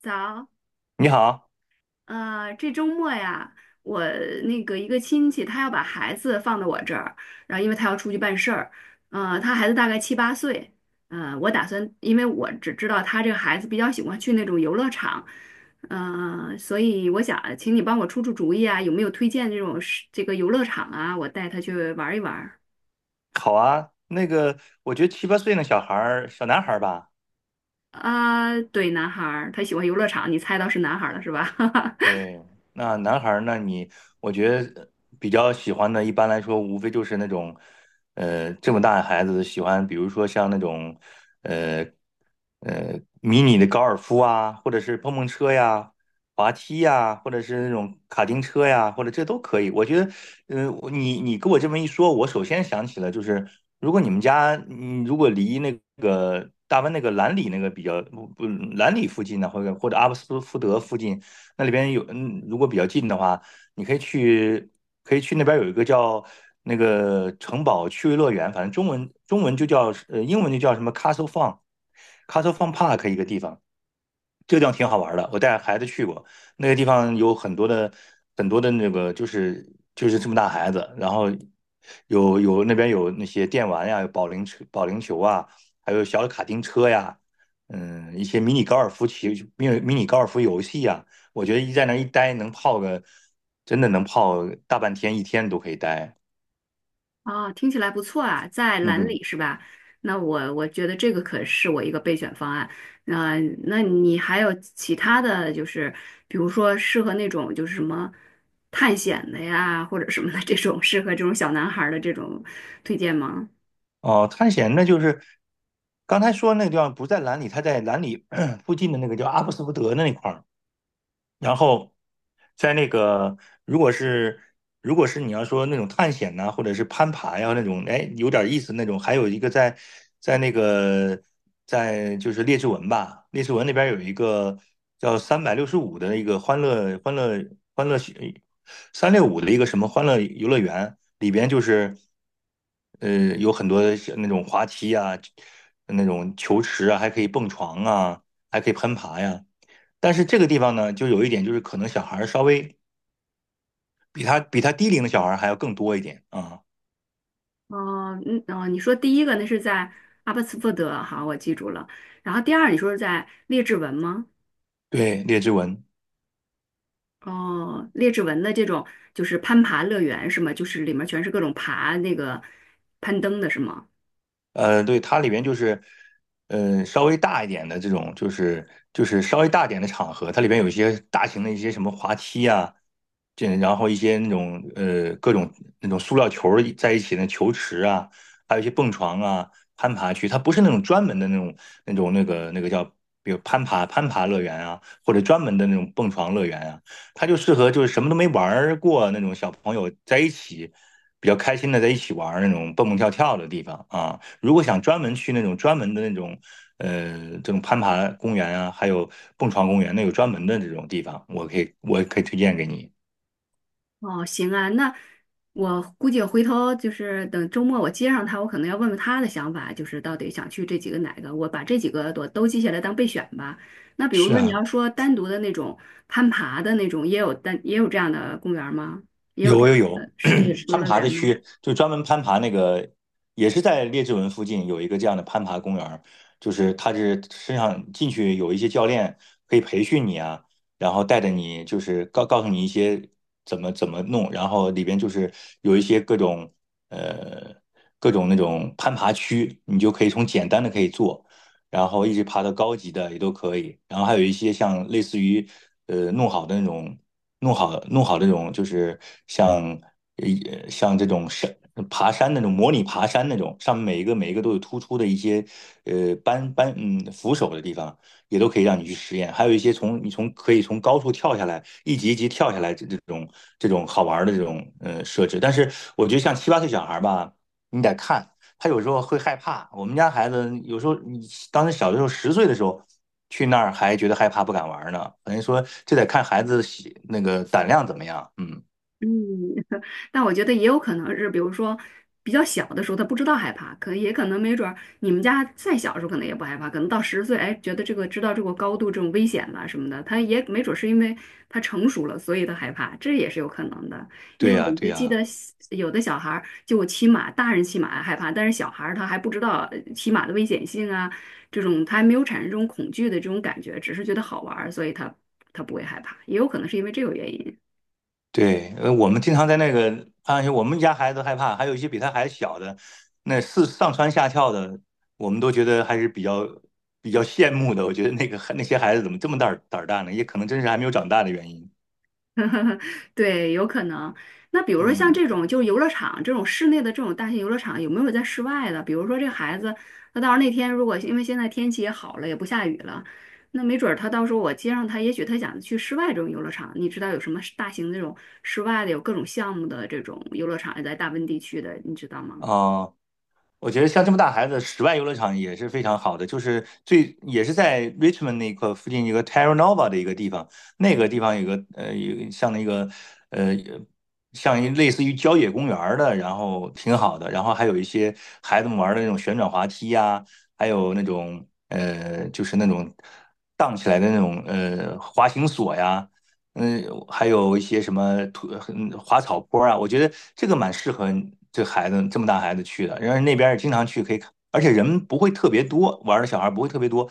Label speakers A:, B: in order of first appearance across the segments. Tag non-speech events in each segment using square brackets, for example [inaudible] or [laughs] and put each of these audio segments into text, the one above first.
A: 早，
B: 你好。
A: 这周末呀，我那个一个亲戚，他要把孩子放到我这儿，然后因为他要出去办事儿，他孩子大概七八岁，我打算，因为我只知道他这个孩子比较喜欢去那种游乐场，所以我想请你帮我出出主意啊，有没有推荐这种是这个游乐场啊，我带他去玩一玩儿。
B: 好啊。我觉得七八岁那小孩儿，小男孩儿吧。
A: 啊，对，男孩儿，他喜欢游乐场，你猜到是男孩儿了是吧？[laughs]
B: 对，那男孩儿呢？我觉得比较喜欢的，一般来说无非就是那种，这么大的孩子喜欢，比如说像那种，呃，迷你的高尔夫啊，或者是碰碰车呀、滑梯呀，或者是那种卡丁车呀，或者这都可以。我觉得，我跟我这么一说，我首先想起了就是，如果你们家，嗯，如果离那个大温那个兰里那个比较不不兰里附近呢，或者阿布斯福德附近。那里边有，嗯，如果比较近的话，你可以去，可以去那边有一个叫那个城堡趣味乐园，反正中文就叫，英文就叫什么 Castle Fun，Castle Fun Park 一个地方。这个地方挺好玩的，我带孩子去过。那个地方有很多的那个就是这么大孩子，然后有那边有那些电玩呀，有保龄车、保龄球啊，还有小的卡丁车呀。嗯，一些迷你高尔夫球、迷你高尔夫游戏呀，我觉得一在那儿一待能泡个真的能泡大半天一天都可以待。
A: 啊，听起来不错啊，在
B: 嗯
A: 兰
B: 哼。
A: 里是吧？那我觉得这个可是我一个备选方案。那、那你还有其他的就是，比如说适合那种就是什么探险的呀，或者什么的这种适合这种小男孩儿的这种推荐吗？
B: 哦，探险那就是刚才说那个地方不在兰里，它在兰里 [clears throat] 附近的那个叫阿布斯福德那一块儿。然后在那个，如果是如果是你要说那种探险呐、或者是攀爬呀、那种，哎，有点意思那种。还有一个在在那个在就是列治文吧，列治文那边有一个叫365的一个欢乐365的一个什么欢乐游乐园，里边就是有很多像那种滑梯啊，那种球池啊，还可以蹦床啊，还可以攀爬呀。但是这个地方呢，就有一点就是可能小孩稍微比他低龄的小孩还要更多一点啊。
A: 哦，嗯，哦，你说第一个那是在阿巴斯福德，好，我记住了。然后第二你说是在列治文吗？
B: 对，列支文。
A: 哦，列治文的这种就是攀爬乐园是吗？就是里面全是各种爬那个攀登的是吗？
B: 对，它里边就是，稍微大一点的这种，就是就是稍微大一点的场合，它里边有一些大型的一些什么滑梯啊，这然后一些那种各种那种塑料球儿在一起的球池啊，还有一些蹦床啊、攀爬区。它不是那种专门的那种那种那个叫，比如攀爬乐园啊，或者专门的那种蹦床乐园啊。它就适合就是什么都没玩儿过那种小朋友在一起比较开心的在一起玩儿那种蹦蹦跳跳的地方啊。如果想专门去那种专门的那种，这种攀爬公园啊，还有蹦床公园，那有专门的这种地方，我可以推荐给你。
A: 哦，行啊，那我估计回头就是等周末我接上他，我可能要问问他的想法，就是到底想去这几个哪个，我把这几个都记下来当备选吧。那比如
B: 是
A: 说你
B: 啊。
A: 要说单独的那种攀爬的那种，也有单也有这样的公园吗？也有这
B: 有
A: 样
B: 有有，
A: 的室内
B: [clears throat]
A: 游
B: 攀
A: 乐
B: 爬
A: 园
B: 的
A: 吗？
B: 区就专门攀爬那个，也是在列治文附近有一个这样的攀爬公园儿。就是它是身上进去有一些教练可以培训你啊，然后带着你就是告诉你一些怎么怎么弄。然后里边就是有一些各种呃各种那种攀爬区，你就可以从简单的可以做，然后一直爬到高级的也都可以。然后还有一些像类似于弄好的那种。弄好这种就是像像这种山爬山那种模拟爬山那种，上面每一个都有突出的一些呃扳扳嗯扶手的地方，也都可以让你去实验。还有一些从你从可以从高处跳下来，一级一级跳下来这种这种好玩的这种设置。但是我觉得像七八岁小孩吧，你得看。他有时候会害怕。我们家孩子有时候，你当时小的时候，10岁的时候去那儿还觉得害怕，不敢玩呢。等于说这得看孩子喜那个胆量怎么样。嗯。
A: 嗯，但我觉得也有可能是，比如说比较小的时候他不知道害怕，可也可能没准儿你们家再小的时候可能也不害怕，可能到十岁，哎，觉得这个知道这个高度这种危险了什么的，他也没准儿是因为他成熟了，所以他害怕，这也是有可能的。因
B: 对
A: 为
B: 呀，
A: 我
B: 对
A: 就记
B: 呀。
A: 得小有的小孩儿就骑马，大人骑马害怕，但是小孩儿他还不知道骑马的危险性啊，这种他还没有产生这种恐惧的这种感觉，只是觉得好玩儿，所以他不会害怕，也有可能是因为这个原因。
B: 对。我们经常在那个攀岩区，我们家孩子害怕，还有一些比他还小的，那是上蹿下跳的，我们都觉得还是比较羡慕的。我觉得那个那些孩子怎么这么胆大呢？也可能真是还没有长大的原因。
A: [laughs] 对，有可能。那比如说像
B: 嗯。
A: 这种就是游乐场这种室内的这种大型游乐场，有没有在室外的？比如说这孩子，他到时候那天如果因为现在天气也好了，也不下雨了，那没准儿他到时候我接上他，也许他想去室外这种游乐场。你知道有什么大型的这种室外的，有各种项目的这种游乐场，也在大温地区的，你知道吗？
B: 哦。我觉得像这么大孩子，室外游乐场也是非常好的，就是最也是在 Richmond 那块附近一个 Terra Nova 的一个地方。那个地方有个有个像那个呃像一类似于郊野公园儿的，然后挺好的。然后还有一些孩子们玩的那种旋转滑梯呀、还有那种就是那种荡起来的那种滑行索呀，嗯，还有一些什么土滑草坡啊。我觉得这个蛮适合这孩子这么大孩子去的。然后那边儿也经常去，可以看，而且人不会特别多，玩儿的小孩儿不会特别多。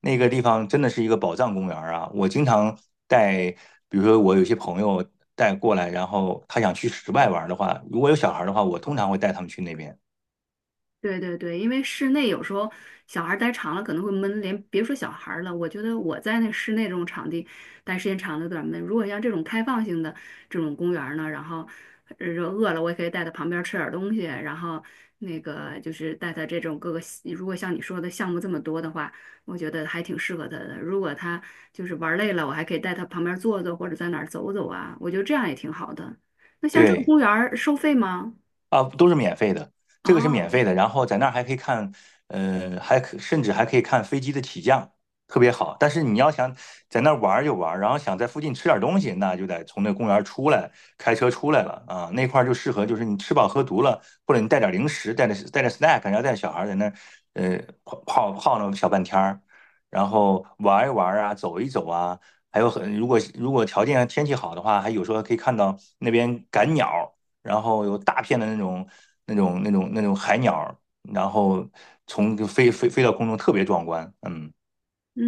B: 那个地方真的是一个宝藏公园儿啊！我经常带，比如说我有些朋友带过来，然后他想去室外玩儿的话，如果有小孩儿的话，我通常会带他们去那边。
A: 对对对，因为室内有时候小孩儿待长了可能会闷，连别说小孩儿了，我觉得我在那室内这种场地待时间长了有点儿闷。如果像这种开放性的这种公园儿呢，然后饿了我也可以带他旁边儿吃点儿东西，然后那个就是带他这种各个，如果像你说的项目这么多的话，我觉得还挺适合他的。如果他就是玩儿累了，我还可以带他旁边儿坐坐或者在哪儿走走啊，我觉得这样也挺好的。那像这个
B: 对。
A: 公园儿收费吗？
B: 啊，都是免费的，这个是免费
A: 哦。
B: 的。然后在那儿还可以看，甚至还可以看飞机的起降，特别好。但是你要想在那儿玩儿就玩儿，然后想在附近吃点儿东西，那就得从那公园儿出来，开车出来了啊。那块儿就适合，就是你吃饱喝足了，或者你带点儿零食，带着 snack，然后带着小孩儿在那儿，呃，泡那么小半天儿，然后玩一玩儿啊，走一走啊。还有很，如果如果条件天气好的话，还有时候可以看到那边赶鸟，然后有大片的那种海鸟，然后从飞到空中，特别壮观。嗯。
A: 嗯，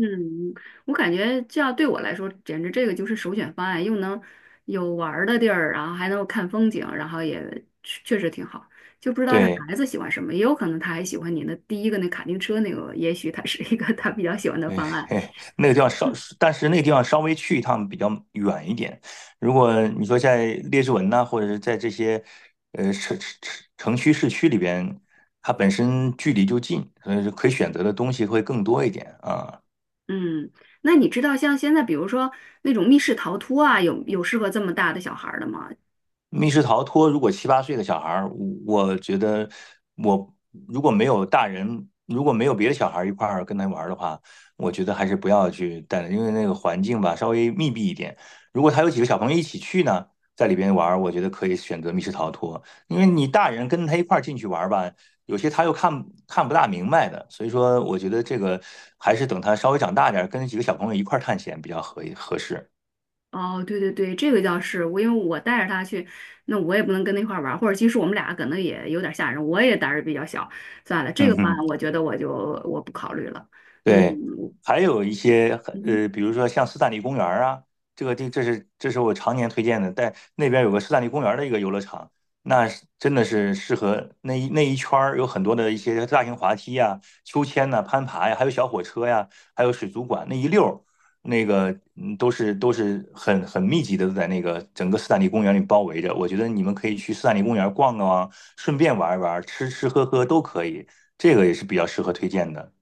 A: 我感觉这样对我来说，简直这个就是首选方案，又能有玩儿的地儿，然后还能够看风景，然后也确确实挺好。就不知道这
B: 对。
A: 孩子喜欢什么，也有可能他还喜欢你的第一个那卡丁车那个，也许他是一个他比较喜欢的
B: 对，
A: 方
B: [laughs]
A: 案。
B: 嘿那个地方稍，但是那个地方稍微去一趟比较远一点。如果你说在列治文呐、或者是在这些呃城城城区市区里边，它本身距离就近，所以就可以选择的东西会更多一点啊。
A: 嗯，那你知道像现在比如说那种密室逃脱啊，有适合这么大的小孩儿的吗？
B: 密室逃脱，如果七八岁的小孩儿，我觉得我如果没有大人，如果没有别的小孩儿一块儿跟他玩儿的话，我觉得还是不要去带了，因为那个环境吧稍微密闭一点。如果他有几个小朋友一起去呢，在里边玩儿，我觉得可以选择密室逃脱。因为你大人跟他一块儿进去玩儿吧，有些他又看不大明白的，所以说我觉得这个还是等他稍微长大点儿，跟几个小朋友一块儿探险比较合适。
A: 哦，对对对，这个倒是我，因为我带着他去，那我也不能跟他一块儿玩儿，或者其实我们俩可能也有点儿吓人，我也胆儿比较小，算了，这个
B: 嗯
A: 班
B: 哼。
A: 我觉得我不考虑了。嗯
B: 对，还有一些
A: 嗯，
B: 比如说像斯坦利公园儿啊，这个地这是我常年推荐的。但那边有个斯坦利公园儿的一个游乐场，那是真的是适合那一圈儿有很多的一些大型滑梯呀、秋千呐、攀爬呀，还有小火车呀，还有水族馆那一溜儿。那个嗯都是很很密集的在那个整个斯坦利公园里包围着。我觉得你们可以去斯坦利公园逛逛啊，顺便玩一玩，吃吃喝喝都可以，这个也是比较适合推荐的。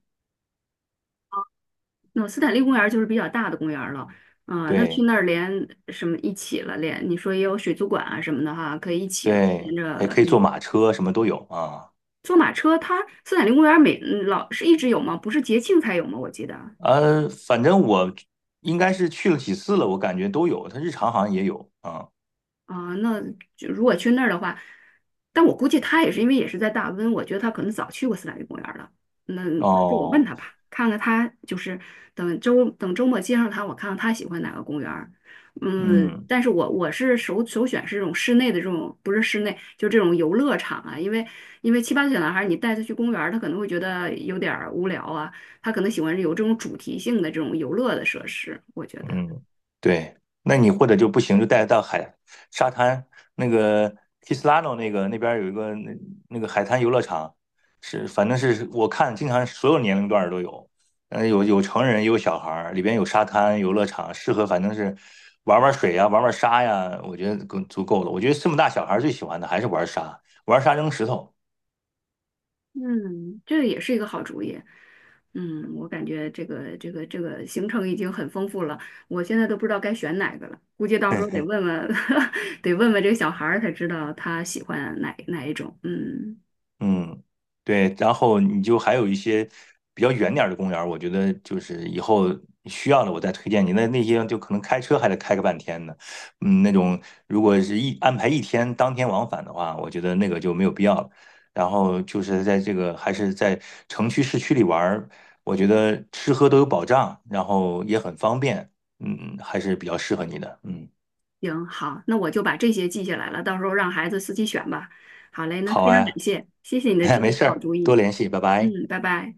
A: 那斯坦利公园儿就是比较大的公园儿了，啊、那去
B: 对。
A: 那儿连什么一起了，连你说也有水族馆啊什么的哈，可以一起了，连
B: 对，还
A: 着
B: 可以
A: 那
B: 坐
A: 个
B: 马车，什么都有啊。
A: 坐马车它，斯坦利公园儿老是一直有吗？不是节庆才有吗？我记得。
B: 反正我应该是去了几次了，我感觉都有，它日常好像也有啊。
A: 啊，那就如果去那儿的话，但我估计他也是因为也是在大温，我觉得他可能早去过斯坦利公园了。那这这我问
B: 哦。
A: 他吧，看看他就是等周等周末接上他，我看看他喜欢哪个公园儿。嗯，
B: 嗯。
A: 但是我我是首选是这种室内的这种，不是室内，就这种游乐场啊，因为七八岁小男孩儿，你带他去公园儿，他可能会觉得有点儿无聊啊，他可能喜欢有这种主题性的这种游乐的设施，我觉得。
B: 嗯。对，那你或者就不行，就带到海沙滩那个 Kislano 那个那边儿有一个那那个海滩游乐场。是反正是我看经常所有年龄段儿都有，嗯，有有成人也有小孩儿，里边有沙滩游乐场，适合反正是玩玩水呀、玩玩沙呀，我觉得够足够了。我觉得这么大小孩儿最喜欢的还是玩沙，玩沙扔石头。
A: 嗯，这个也是一个好主意。嗯，我感觉这个行程已经很丰富了，我现在都不知道该选哪个了，估计到时候得
B: [laughs]
A: 问问，[laughs] 得问问这个小孩儿才知道他喜欢哪一种。嗯，
B: 嗯。对，然后你就还有一些比较远点儿的公园儿我觉得就是以后需要了我再推荐你。那那些就可能开车还得开个半天呢。嗯，那种如果是一安排一天当天往返的话，我觉得那个就没有必要了。然后就是在这个还是在城区市区里玩儿，我觉得吃喝都有保障，然后也很方便。嗯，还是比较适合你的。嗯。
A: 行，好，那我就把这些记下来了，到时候让孩子自己选吧。好嘞，那
B: 好
A: 非常感
B: 哎。
A: 谢，谢谢你的
B: [laughs]
A: 这些
B: 没事
A: 好
B: 儿，
A: 主
B: 多
A: 意。
B: 联系，拜拜。
A: 嗯，拜拜。